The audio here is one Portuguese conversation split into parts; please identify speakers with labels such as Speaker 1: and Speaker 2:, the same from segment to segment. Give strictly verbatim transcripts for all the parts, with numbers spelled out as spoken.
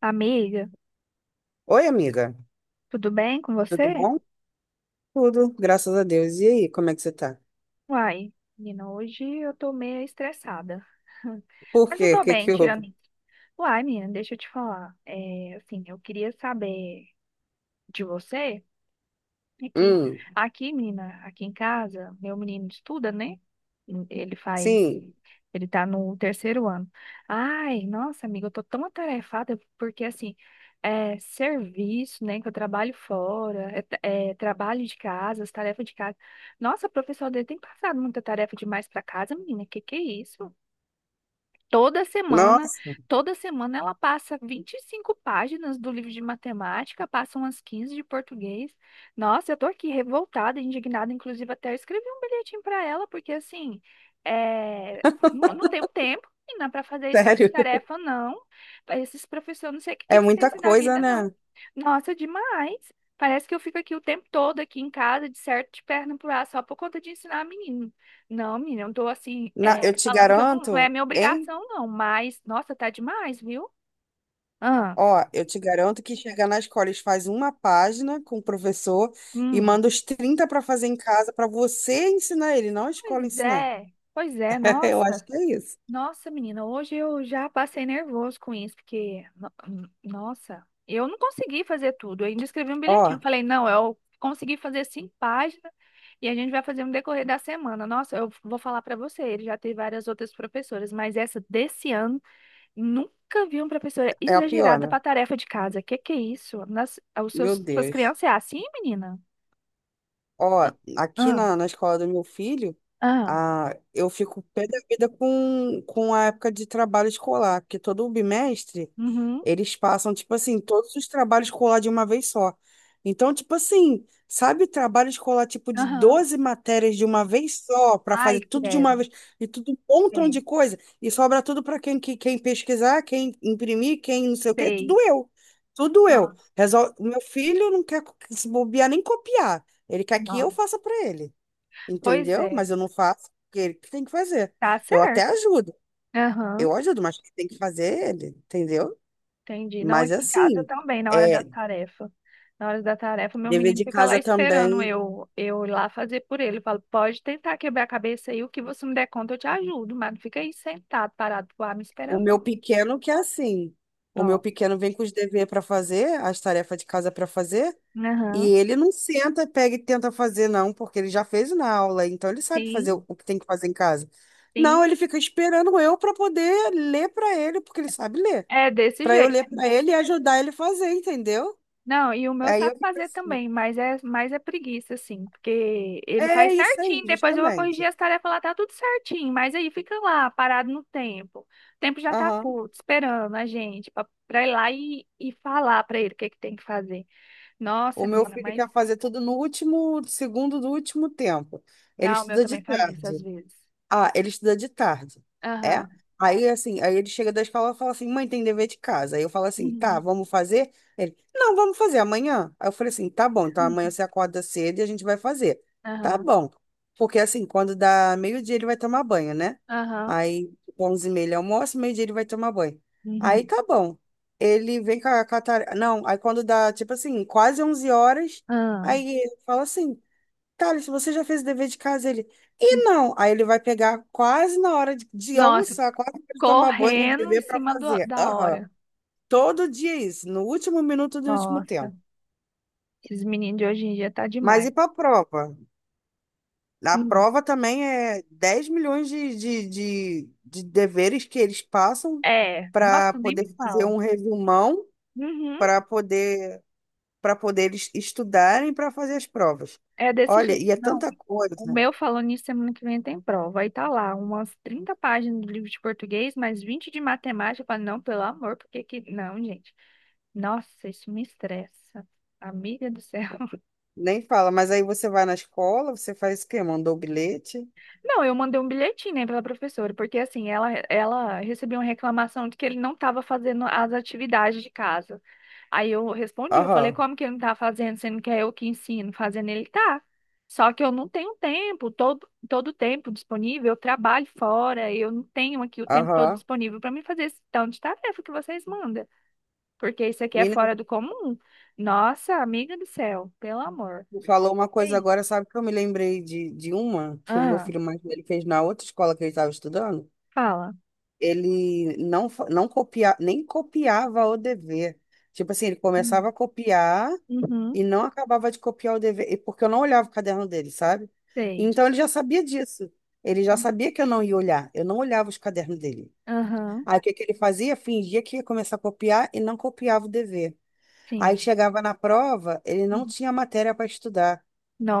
Speaker 1: Amiga,
Speaker 2: Oi, amiga.
Speaker 1: tudo bem com
Speaker 2: Tudo
Speaker 1: você?
Speaker 2: bom? Tudo, graças a Deus. E aí, como é que você tá?
Speaker 1: Uai, menina, hoje eu tô meio estressada.
Speaker 2: Por
Speaker 1: Mas eu
Speaker 2: quê? O
Speaker 1: tô
Speaker 2: que
Speaker 1: bem,
Speaker 2: que houve?
Speaker 1: tirando isso. Uai, menina, deixa eu te falar. É, assim, eu queria saber de você. Aqui,
Speaker 2: Hum,
Speaker 1: aqui, menina, aqui em casa, meu menino estuda, né? Ele faz,
Speaker 2: sim.
Speaker 1: ele tá no terceiro ano. Ai, nossa, amiga, eu tô tão atarefada porque, assim, é serviço, né? Que eu trabalho fora, é, tra- é trabalho de casa, as tarefas de casa. Nossa, o professor dele tem passado muita tarefa demais pra casa, menina, que que é isso? Toda semana,
Speaker 2: Nossa,
Speaker 1: toda semana ela passa vinte e cinco páginas do livro de matemática, passa umas quinze de português. Nossa, eu tô aqui revoltada, indignada, inclusive até eu escrevi um bilhetinho para ela, porque assim, é, não, não tenho tempo, e não para fazer isso
Speaker 2: sério.
Speaker 1: de tarefa, não. Esses professores, não sei o que que
Speaker 2: É
Speaker 1: eles
Speaker 2: muita
Speaker 1: pensam da
Speaker 2: coisa,
Speaker 1: vida, não.
Speaker 2: né?
Speaker 1: Nossa, demais. Parece que eu fico aqui o tempo todo, aqui em casa, de certo, de perna pro ar, só por conta de ensinar a menina. Não, menina, eu tô assim,
Speaker 2: Na, eu
Speaker 1: é,
Speaker 2: te
Speaker 1: falando que eu não,
Speaker 2: garanto,
Speaker 1: não é minha
Speaker 2: hein?
Speaker 1: obrigação, não, mas, nossa, tá demais, viu? Ah,
Speaker 2: Ó, eu te garanto que chegar na escola eles fazem uma página com o professor e
Speaker 1: hum.
Speaker 2: manda os trinta para fazer em casa para você ensinar ele, não a escola
Speaker 1: Pois
Speaker 2: ensinar.
Speaker 1: é, pois é,
Speaker 2: Eu acho
Speaker 1: nossa,
Speaker 2: que é isso.
Speaker 1: nossa, menina, hoje eu já passei nervoso com isso, porque, no- hum, nossa, eu não consegui fazer tudo, eu ainda escrevi um bilhetinho, eu
Speaker 2: Ó,
Speaker 1: falei, não, eu consegui fazer cinco páginas e a gente vai fazer no decorrer da semana. Nossa, eu vou falar pra você, ele já teve várias outras professoras, mas essa desse ano. Nunca vi uma professora
Speaker 2: é a pior,
Speaker 1: exagerada
Speaker 2: né?
Speaker 1: para tarefa de casa. Que que é isso? Nas, os
Speaker 2: Meu
Speaker 1: seus, suas
Speaker 2: Deus.
Speaker 1: crianças é assim, menina?
Speaker 2: Ó, aqui
Speaker 1: Ah,
Speaker 2: na, na escola do meu filho,
Speaker 1: ah,
Speaker 2: a, eu fico pé da vida com, com a época de trabalho escolar, porque todo bimestre
Speaker 1: uhum,
Speaker 2: eles passam, tipo assim, todos os trabalhos escolar de uma vez só. Então, tipo assim, sabe, trabalho escolar tipo de
Speaker 1: aham.
Speaker 2: doze matérias de uma vez só, para
Speaker 1: Ai,
Speaker 2: fazer tudo de
Speaker 1: credo.
Speaker 2: uma vez, e tudo um montão
Speaker 1: Sei,
Speaker 2: de coisa, e sobra tudo para quem, que- quem pesquisar, quem imprimir, quem não sei o quê, tudo
Speaker 1: sei.
Speaker 2: eu. Tudo eu.
Speaker 1: Nossa,
Speaker 2: Resol... Meu filho não quer co- se bobear nem copiar. Ele quer que eu
Speaker 1: nossa.
Speaker 2: faça para ele,
Speaker 1: Pois
Speaker 2: entendeu?
Speaker 1: é,
Speaker 2: Mas eu não faço porque ele que tem que fazer.
Speaker 1: tá
Speaker 2: Eu até
Speaker 1: certo.
Speaker 2: ajudo,
Speaker 1: Aham,
Speaker 2: eu ajudo, mas quem tem que fazer é ele, entendeu?
Speaker 1: entendi. Não
Speaker 2: Mas
Speaker 1: aqui em casa
Speaker 2: assim,
Speaker 1: também, na hora da
Speaker 2: é
Speaker 1: tarefa. Na hora da tarefa, meu
Speaker 2: dever
Speaker 1: menino
Speaker 2: de
Speaker 1: fica lá
Speaker 2: casa
Speaker 1: esperando
Speaker 2: também.
Speaker 1: eu, eu ir lá fazer por ele. Eu falo, pode tentar quebrar a cabeça aí, o que você me der conta, eu te ajudo, mas não fica aí sentado, parado, lá, me
Speaker 2: O
Speaker 1: esperando,
Speaker 2: meu
Speaker 1: não.
Speaker 2: pequeno que é assim. O meu
Speaker 1: Não.
Speaker 2: pequeno vem com os deveres para fazer, as tarefas de casa para fazer, e
Speaker 1: Aham.
Speaker 2: ele não senta, pega e tenta fazer, não, porque ele já fez na aula, então ele sabe fazer o
Speaker 1: Sim,
Speaker 2: o que tem que fazer em casa.
Speaker 1: sim.
Speaker 2: Não, ele fica esperando eu para poder ler para ele, porque ele sabe ler,
Speaker 1: É desse
Speaker 2: para eu
Speaker 1: jeito.
Speaker 2: ler para ele e ajudar ele a fazer, entendeu?
Speaker 1: Não, e o meu
Speaker 2: Aí
Speaker 1: sabe
Speaker 2: eu fico
Speaker 1: fazer
Speaker 2: assim.
Speaker 1: também, mas é mais é preguiça, assim, porque ele faz
Speaker 2: É isso aí,
Speaker 1: certinho, depois eu vou corrigir
Speaker 2: justamente.
Speaker 1: as tarefas lá, tá tudo certinho, mas aí fica lá, parado no tempo. O tempo já tá
Speaker 2: Aham.
Speaker 1: curto, esperando a gente pra, pra ir lá e, e falar pra ele o que que tem que fazer.
Speaker 2: O
Speaker 1: Nossa,
Speaker 2: meu
Speaker 1: menina,
Speaker 2: filho
Speaker 1: mas.
Speaker 2: quer fazer tudo no último segundo do último tempo. Ele
Speaker 1: Ah, o meu
Speaker 2: estuda de
Speaker 1: também faz isso às
Speaker 2: tarde.
Speaker 1: vezes.
Speaker 2: Ah, ele estuda de tarde. É?
Speaker 1: Aham.
Speaker 2: Aí assim, aí ele chega da escola e fala assim: "Mãe, tem dever de casa". Aí eu falo assim: "Tá,
Speaker 1: Uhum.
Speaker 2: vamos fazer?" Ele: "Não, vamos fazer amanhã". Aí eu falei assim: "Tá bom, então amanhã você acorda cedo e a gente vai fazer". Tá
Speaker 1: Aham.
Speaker 2: bom. Porque assim, quando dá meio-dia ele vai tomar banho, né?
Speaker 1: Aham.
Speaker 2: Aí onze e meia ele almoça, meio-dia ele vai tomar banho. Aí
Speaker 1: Uhum.
Speaker 2: tá bom. Ele vem com a catar... Não, aí quando dá, tipo assim, quase onze horas,
Speaker 1: Aham.
Speaker 2: aí ele fala assim: Thales, você já fez o dever de casa? Ele, e não. Aí ele vai pegar quase na hora de, de
Speaker 1: Nossa,
Speaker 2: almoçar, quase na hora de tomar banho, o
Speaker 1: correndo em
Speaker 2: dever para
Speaker 1: cima do-
Speaker 2: fazer.
Speaker 1: da
Speaker 2: Aham.
Speaker 1: hora.
Speaker 2: Todo dia é isso, no último minuto do último
Speaker 1: Nossa,
Speaker 2: tempo.
Speaker 1: esses meninos de hoje em dia tá
Speaker 2: Mas
Speaker 1: demais.
Speaker 2: e para a prova? A
Speaker 1: Hum.
Speaker 2: prova também é dez milhões de, de, de, de deveres que eles passam
Speaker 1: É,
Speaker 2: para
Speaker 1: nossa, nem
Speaker 2: poder
Speaker 1: me
Speaker 2: fazer
Speaker 1: fala.
Speaker 2: um resumão,
Speaker 1: Uhum,
Speaker 2: para poder, para poder eles estudarem para fazer as provas.
Speaker 1: é desse
Speaker 2: Olha,
Speaker 1: jeito.
Speaker 2: e é
Speaker 1: Não,
Speaker 2: tanta coisa.
Speaker 1: o meu falando nisso, semana que vem tem prova. Aí tá lá, umas trinta páginas do livro de português, mais vinte de matemática. Eu falo, não, pelo amor, porque que... que- não, gente. Nossa, isso me estressa. Amiga do céu.
Speaker 2: Nem fala, mas aí você vai na escola, você faz o quê? Mandou o bilhete?
Speaker 1: Não, eu mandei um bilhetinho, né, pela professora, porque assim, ela, ela recebeu uma reclamação de que ele não estava fazendo as atividades de casa. Aí eu respondi, eu falei,
Speaker 2: Aham,
Speaker 1: como que ele não tá fazendo, sendo que é eu que ensino, fazendo ele tá. Só que eu não tenho tempo, todo todo o tempo disponível, eu trabalho fora, eu não tenho aqui o tempo todo
Speaker 2: aham.
Speaker 1: disponível para me fazer esse tanto de tarefa que vocês mandam, porque isso aqui é
Speaker 2: Mina,
Speaker 1: fora do comum. Nossa, amiga do céu, pelo amor.
Speaker 2: tu falou uma coisa
Speaker 1: Ei.
Speaker 2: agora, sabe que eu me lembrei de, de uma que o meu
Speaker 1: Ah,
Speaker 2: filho mais velho fez na outra escola que ele estava estudando?
Speaker 1: fala.
Speaker 2: Ele não, fa- não copia, nem copiava o dever. Tipo assim, ele começava
Speaker 1: Hum.
Speaker 2: a copiar e
Speaker 1: Uhum,
Speaker 2: não acabava de copiar o dever, e- porque eu não olhava o caderno dele, sabe?
Speaker 1: sei.
Speaker 2: Então ele já sabia disso. Ele já
Speaker 1: Hum.
Speaker 2: sabia que eu não ia olhar. Eu não olhava os cadernos dele.
Speaker 1: Aham,
Speaker 2: Aí o que que ele fazia? Fingia que ia começar a copiar e não copiava o dever. Aí
Speaker 1: sim.
Speaker 2: chegava na prova, ele não
Speaker 1: Uhum.
Speaker 2: tinha matéria para estudar,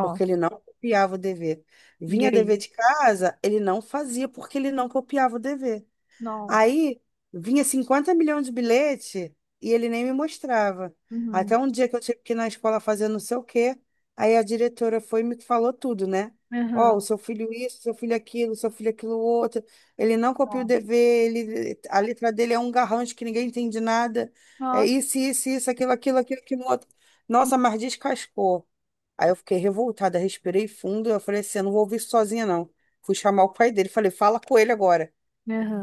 Speaker 2: porque ele não copiava o dever.
Speaker 1: e
Speaker 2: Vinha
Speaker 1: aí?
Speaker 2: dever de casa, ele não fazia porque ele não copiava o dever.
Speaker 1: Nossa.
Speaker 2: Aí vinha cinquenta milhões de bilhete e ele nem me mostrava. Até
Speaker 1: Uhum,
Speaker 2: um dia que eu tive que ir na escola fazer não sei o quê, aí a diretora foi e me falou tudo, né? Ó,
Speaker 1: aham,
Speaker 2: o seu filho isso, seu filho aquilo, seu filho aquilo outro. Ele não copia o
Speaker 1: nossa.
Speaker 2: dever, ele, a letra dele é um garrancho que ninguém entende nada. É
Speaker 1: Nossa.
Speaker 2: isso, isso, isso, aquilo, aquilo, aquilo, aquilo outro. Nossa, mas descascou. Aí eu fiquei revoltada, respirei fundo, eu falei assim, eu não vou ouvir isso sozinha, não. Fui chamar o pai dele, falei, fala com ele agora.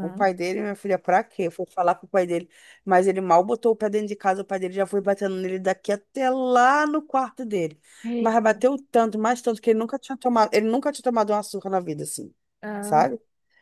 Speaker 2: O pai dele, minha filha, pra quê? Foi falar com o pai dele. Mas ele mal botou o pé dentro de casa, o pai dele já foi batendo nele daqui até lá no quarto dele. Mas
Speaker 1: Eita.
Speaker 2: bateu tanto, mais tanto, que ele nunca tinha tomado, ele nunca tinha tomado uma surra na vida, assim,
Speaker 1: Ah,
Speaker 2: sabe?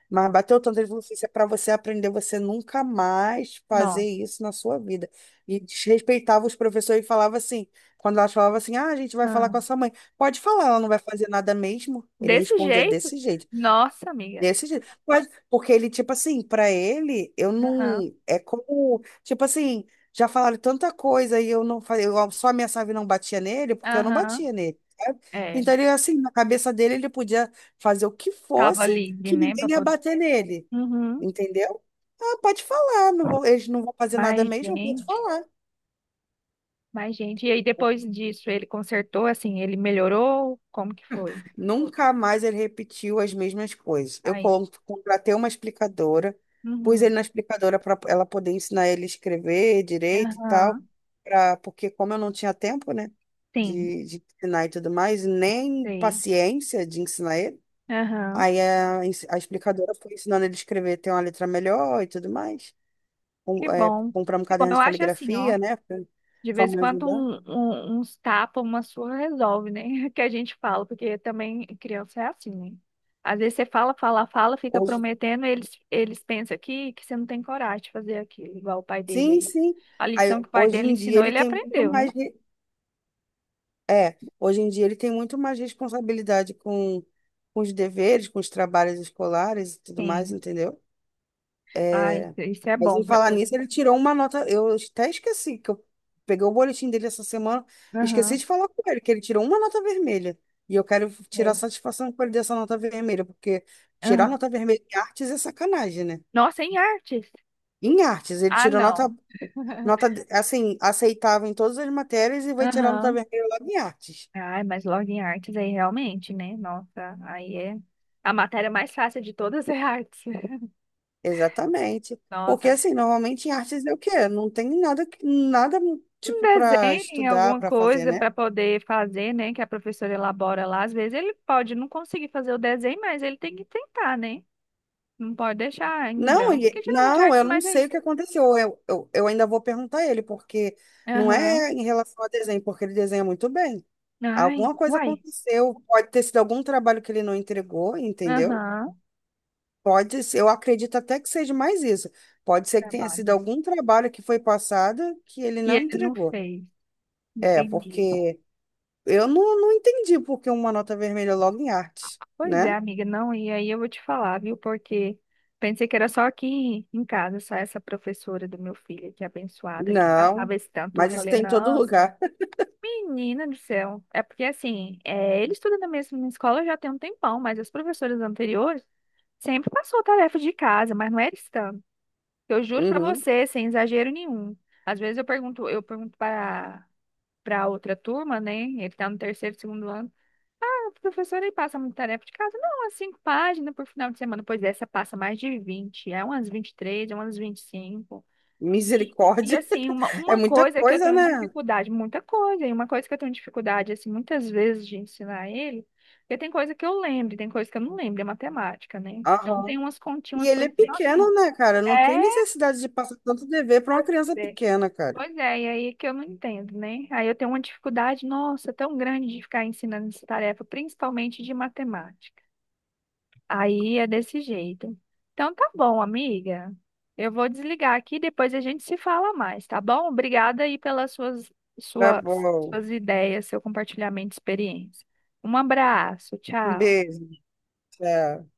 Speaker 2: Mas bateu tanto, ele falou assim, isso é pra você aprender, você nunca mais fazer
Speaker 1: não.
Speaker 2: isso na sua vida. E desrespeitava os professores e falava assim, quando elas falavam assim, ah, a gente vai falar
Speaker 1: Ah.
Speaker 2: com a sua mãe. Pode falar, ela não vai fazer nada mesmo. Ele
Speaker 1: Desse
Speaker 2: respondia
Speaker 1: jeito?
Speaker 2: desse jeito.
Speaker 1: Nossa, amiga.
Speaker 2: Desse jeito. Mas, porque ele, tipo assim, pra ele, eu
Speaker 1: Aham.
Speaker 2: não. É como. Tipo assim, já falaram tanta coisa e eu não falei. Eu só ameaçava e não batia nele, porque eu não
Speaker 1: Aham.
Speaker 2: batia nele, sabe?
Speaker 1: É.
Speaker 2: Então, ele, assim, na cabeça dele, ele podia fazer o que
Speaker 1: Tava
Speaker 2: fosse
Speaker 1: livre,
Speaker 2: que
Speaker 1: né? Pra...
Speaker 2: ninguém ia
Speaker 1: pod-
Speaker 2: bater nele.
Speaker 1: Uhum.
Speaker 2: Entendeu? Ah, pode falar. Não vou, eles não vão fazer nada
Speaker 1: Mais
Speaker 2: mesmo, pode
Speaker 1: gente.
Speaker 2: falar.
Speaker 1: Mais gente. E aí, depois disso, ele consertou, assim, ele melhorou? Como que foi?
Speaker 2: Nunca mais ele repetiu as mesmas coisas. Eu
Speaker 1: Aí.
Speaker 2: con- contratei uma explicadora, pus
Speaker 1: Uhum.
Speaker 2: ele na explicadora para ela poder ensinar ele a escrever direito e tal,
Speaker 1: Aham.
Speaker 2: pra, porque como eu não tinha tempo, né,
Speaker 1: Sim.
Speaker 2: de, de ensinar e tudo mais, nem
Speaker 1: Sei.
Speaker 2: paciência de ensinar ele,
Speaker 1: Aham.
Speaker 2: aí a, ens- a explicadora foi ensinando ele a escrever, ter uma letra melhor e tudo mais.
Speaker 1: Que
Speaker 2: Com, é,
Speaker 1: bom.
Speaker 2: comprar um
Speaker 1: Que bom.
Speaker 2: caderno
Speaker 1: Eu
Speaker 2: de
Speaker 1: acho assim, ó.
Speaker 2: caligrafia, né,
Speaker 1: De
Speaker 2: para
Speaker 1: vez em
Speaker 2: me
Speaker 1: quando
Speaker 2: ajudar.
Speaker 1: um, um- uns tapas, uma surra resolve, né? Que a gente fala, porque também criança é assim, né? Às vezes você fala, fala, fala, fica
Speaker 2: Hoje,
Speaker 1: prometendo, eles, eles pensam que, que você não tem coragem de fazer aquilo, igual o pai dele
Speaker 2: sim,
Speaker 1: aí.
Speaker 2: sim.
Speaker 1: A
Speaker 2: Aí,
Speaker 1: lição que o pai
Speaker 2: hoje
Speaker 1: dele
Speaker 2: em dia
Speaker 1: ensinou,
Speaker 2: ele
Speaker 1: ele
Speaker 2: tem muito
Speaker 1: aprendeu,
Speaker 2: mais.
Speaker 1: né?
Speaker 2: É, hoje em dia ele tem muito mais responsabilidade com, com os deveres, com os trabalhos escolares e tudo mais,
Speaker 1: Sim.
Speaker 2: entendeu?
Speaker 1: Ah, isso,
Speaker 2: É,
Speaker 1: isso é
Speaker 2: mas
Speaker 1: bom
Speaker 2: em
Speaker 1: para
Speaker 2: falar
Speaker 1: poder.
Speaker 2: nisso, ele tirou uma nota. Eu até esqueci que eu peguei o boletim dele essa semana, esqueci
Speaker 1: Aham.
Speaker 2: de falar com ele, que ele tirou uma nota vermelha. E eu quero tirar
Speaker 1: É.
Speaker 2: satisfação com ele dessa nota vermelha, porque tirar
Speaker 1: Aham.
Speaker 2: nota vermelha em artes é sacanagem, né?
Speaker 1: Nossa, em artes?
Speaker 2: Em artes, ele
Speaker 1: Ah,
Speaker 2: tirou nota,
Speaker 1: não.
Speaker 2: nota assim, aceitável em todas as matérias e vai tirar nota
Speaker 1: Aham.
Speaker 2: vermelha lá em artes.
Speaker 1: Ai, mas logo em artes aí realmente, né? Nossa, aí é. A matéria mais fácil de todas é artes.
Speaker 2: Exatamente. Porque
Speaker 1: Nossa,
Speaker 2: assim, normalmente em artes é o quê? Não tem nada, que- nada
Speaker 1: um
Speaker 2: tipo para
Speaker 1: desenho,
Speaker 2: estudar,
Speaker 1: alguma
Speaker 2: para fazer,
Speaker 1: coisa
Speaker 2: né?
Speaker 1: para poder fazer, né? Que a professora elabora lá. Às vezes ele pode não conseguir fazer o desenho, mas ele tem que tentar, né? Não pode deixar em
Speaker 2: Não,
Speaker 1: branco, porque
Speaker 2: e-
Speaker 1: geralmente a
Speaker 2: não, eu
Speaker 1: arte
Speaker 2: não
Speaker 1: mais é
Speaker 2: sei o
Speaker 1: isso.
Speaker 2: que aconteceu. Eu, eu, eu ainda vou perguntar a ele, porque não
Speaker 1: Aham.
Speaker 2: é em relação ao desenho, porque ele desenha muito bem.
Speaker 1: Ai,
Speaker 2: Alguma coisa
Speaker 1: uai.
Speaker 2: aconteceu, pode ter sido algum trabalho que ele não entregou, entendeu?
Speaker 1: Aham.
Speaker 2: Pode ser, eu acredito até que seja mais isso. Pode ser que tenha sido
Speaker 1: Trabalho.
Speaker 2: algum trabalho que foi passado que ele
Speaker 1: E
Speaker 2: não
Speaker 1: ele não
Speaker 2: entregou.
Speaker 1: fez.
Speaker 2: É,
Speaker 1: Entendi.
Speaker 2: porque eu não, não entendi por que uma nota vermelha é logo em arte,
Speaker 1: Pois é,
Speaker 2: né?
Speaker 1: amiga, não, e aí eu vou te falar, viu? Porque pensei que era só aqui em casa, só essa professora do meu filho, que é abençoada, que
Speaker 2: Não,
Speaker 1: passava esse tanto. Eu
Speaker 2: mas isso
Speaker 1: falei,
Speaker 2: tem em todo
Speaker 1: nossa.
Speaker 2: lugar.
Speaker 1: Menina do céu. É porque assim, é, ele estuda na mesma escola já tem um tempão, mas as professoras anteriores sempre passou tarefa de casa, mas não era scan. Eu juro pra
Speaker 2: Uhum.
Speaker 1: você, sem exagero nenhum. Às vezes eu pergunto, eu pergunto para para outra turma, né? Ele tá no terceiro, segundo ano. Ah, professora, ele passa muita tarefa de casa? Não, umas cinco páginas por final de semana. Pois é, essa passa mais de vinte. É umas vinte e três, é umas vinte e cinco. E, e,
Speaker 2: Misericórdia.
Speaker 1: assim, uma,
Speaker 2: É
Speaker 1: uma
Speaker 2: muita
Speaker 1: coisa que eu
Speaker 2: coisa,
Speaker 1: tenho
Speaker 2: né?
Speaker 1: dificuldade, muita coisa, e uma coisa que eu tenho dificuldade, assim, muitas vezes de ensinar ele, porque tem coisa que eu lembro, e tem coisa que eu não lembro, é matemática, né? Então
Speaker 2: Aham.
Speaker 1: tem umas continhas,
Speaker 2: E
Speaker 1: umas
Speaker 2: ele é
Speaker 1: coisas assim, nossa, menina,
Speaker 2: pequeno, né, cara? Não tem
Speaker 1: é,
Speaker 2: necessidade de passar tanto dever para uma criança
Speaker 1: é.
Speaker 2: pequena, cara.
Speaker 1: Pois é, e aí que eu não entendo, né? Aí eu tenho uma dificuldade, nossa, tão grande de ficar ensinando essa tarefa, principalmente de matemática. Aí é desse jeito. Então tá bom, amiga. Eu vou desligar aqui, depois a gente se fala mais, tá bom? Obrigada aí pelas suas,
Speaker 2: Tá
Speaker 1: suas,
Speaker 2: bom.
Speaker 1: suas ideias, seu compartilhamento de experiência. Um abraço,
Speaker 2: Um
Speaker 1: tchau.
Speaker 2: beijo. Tchau.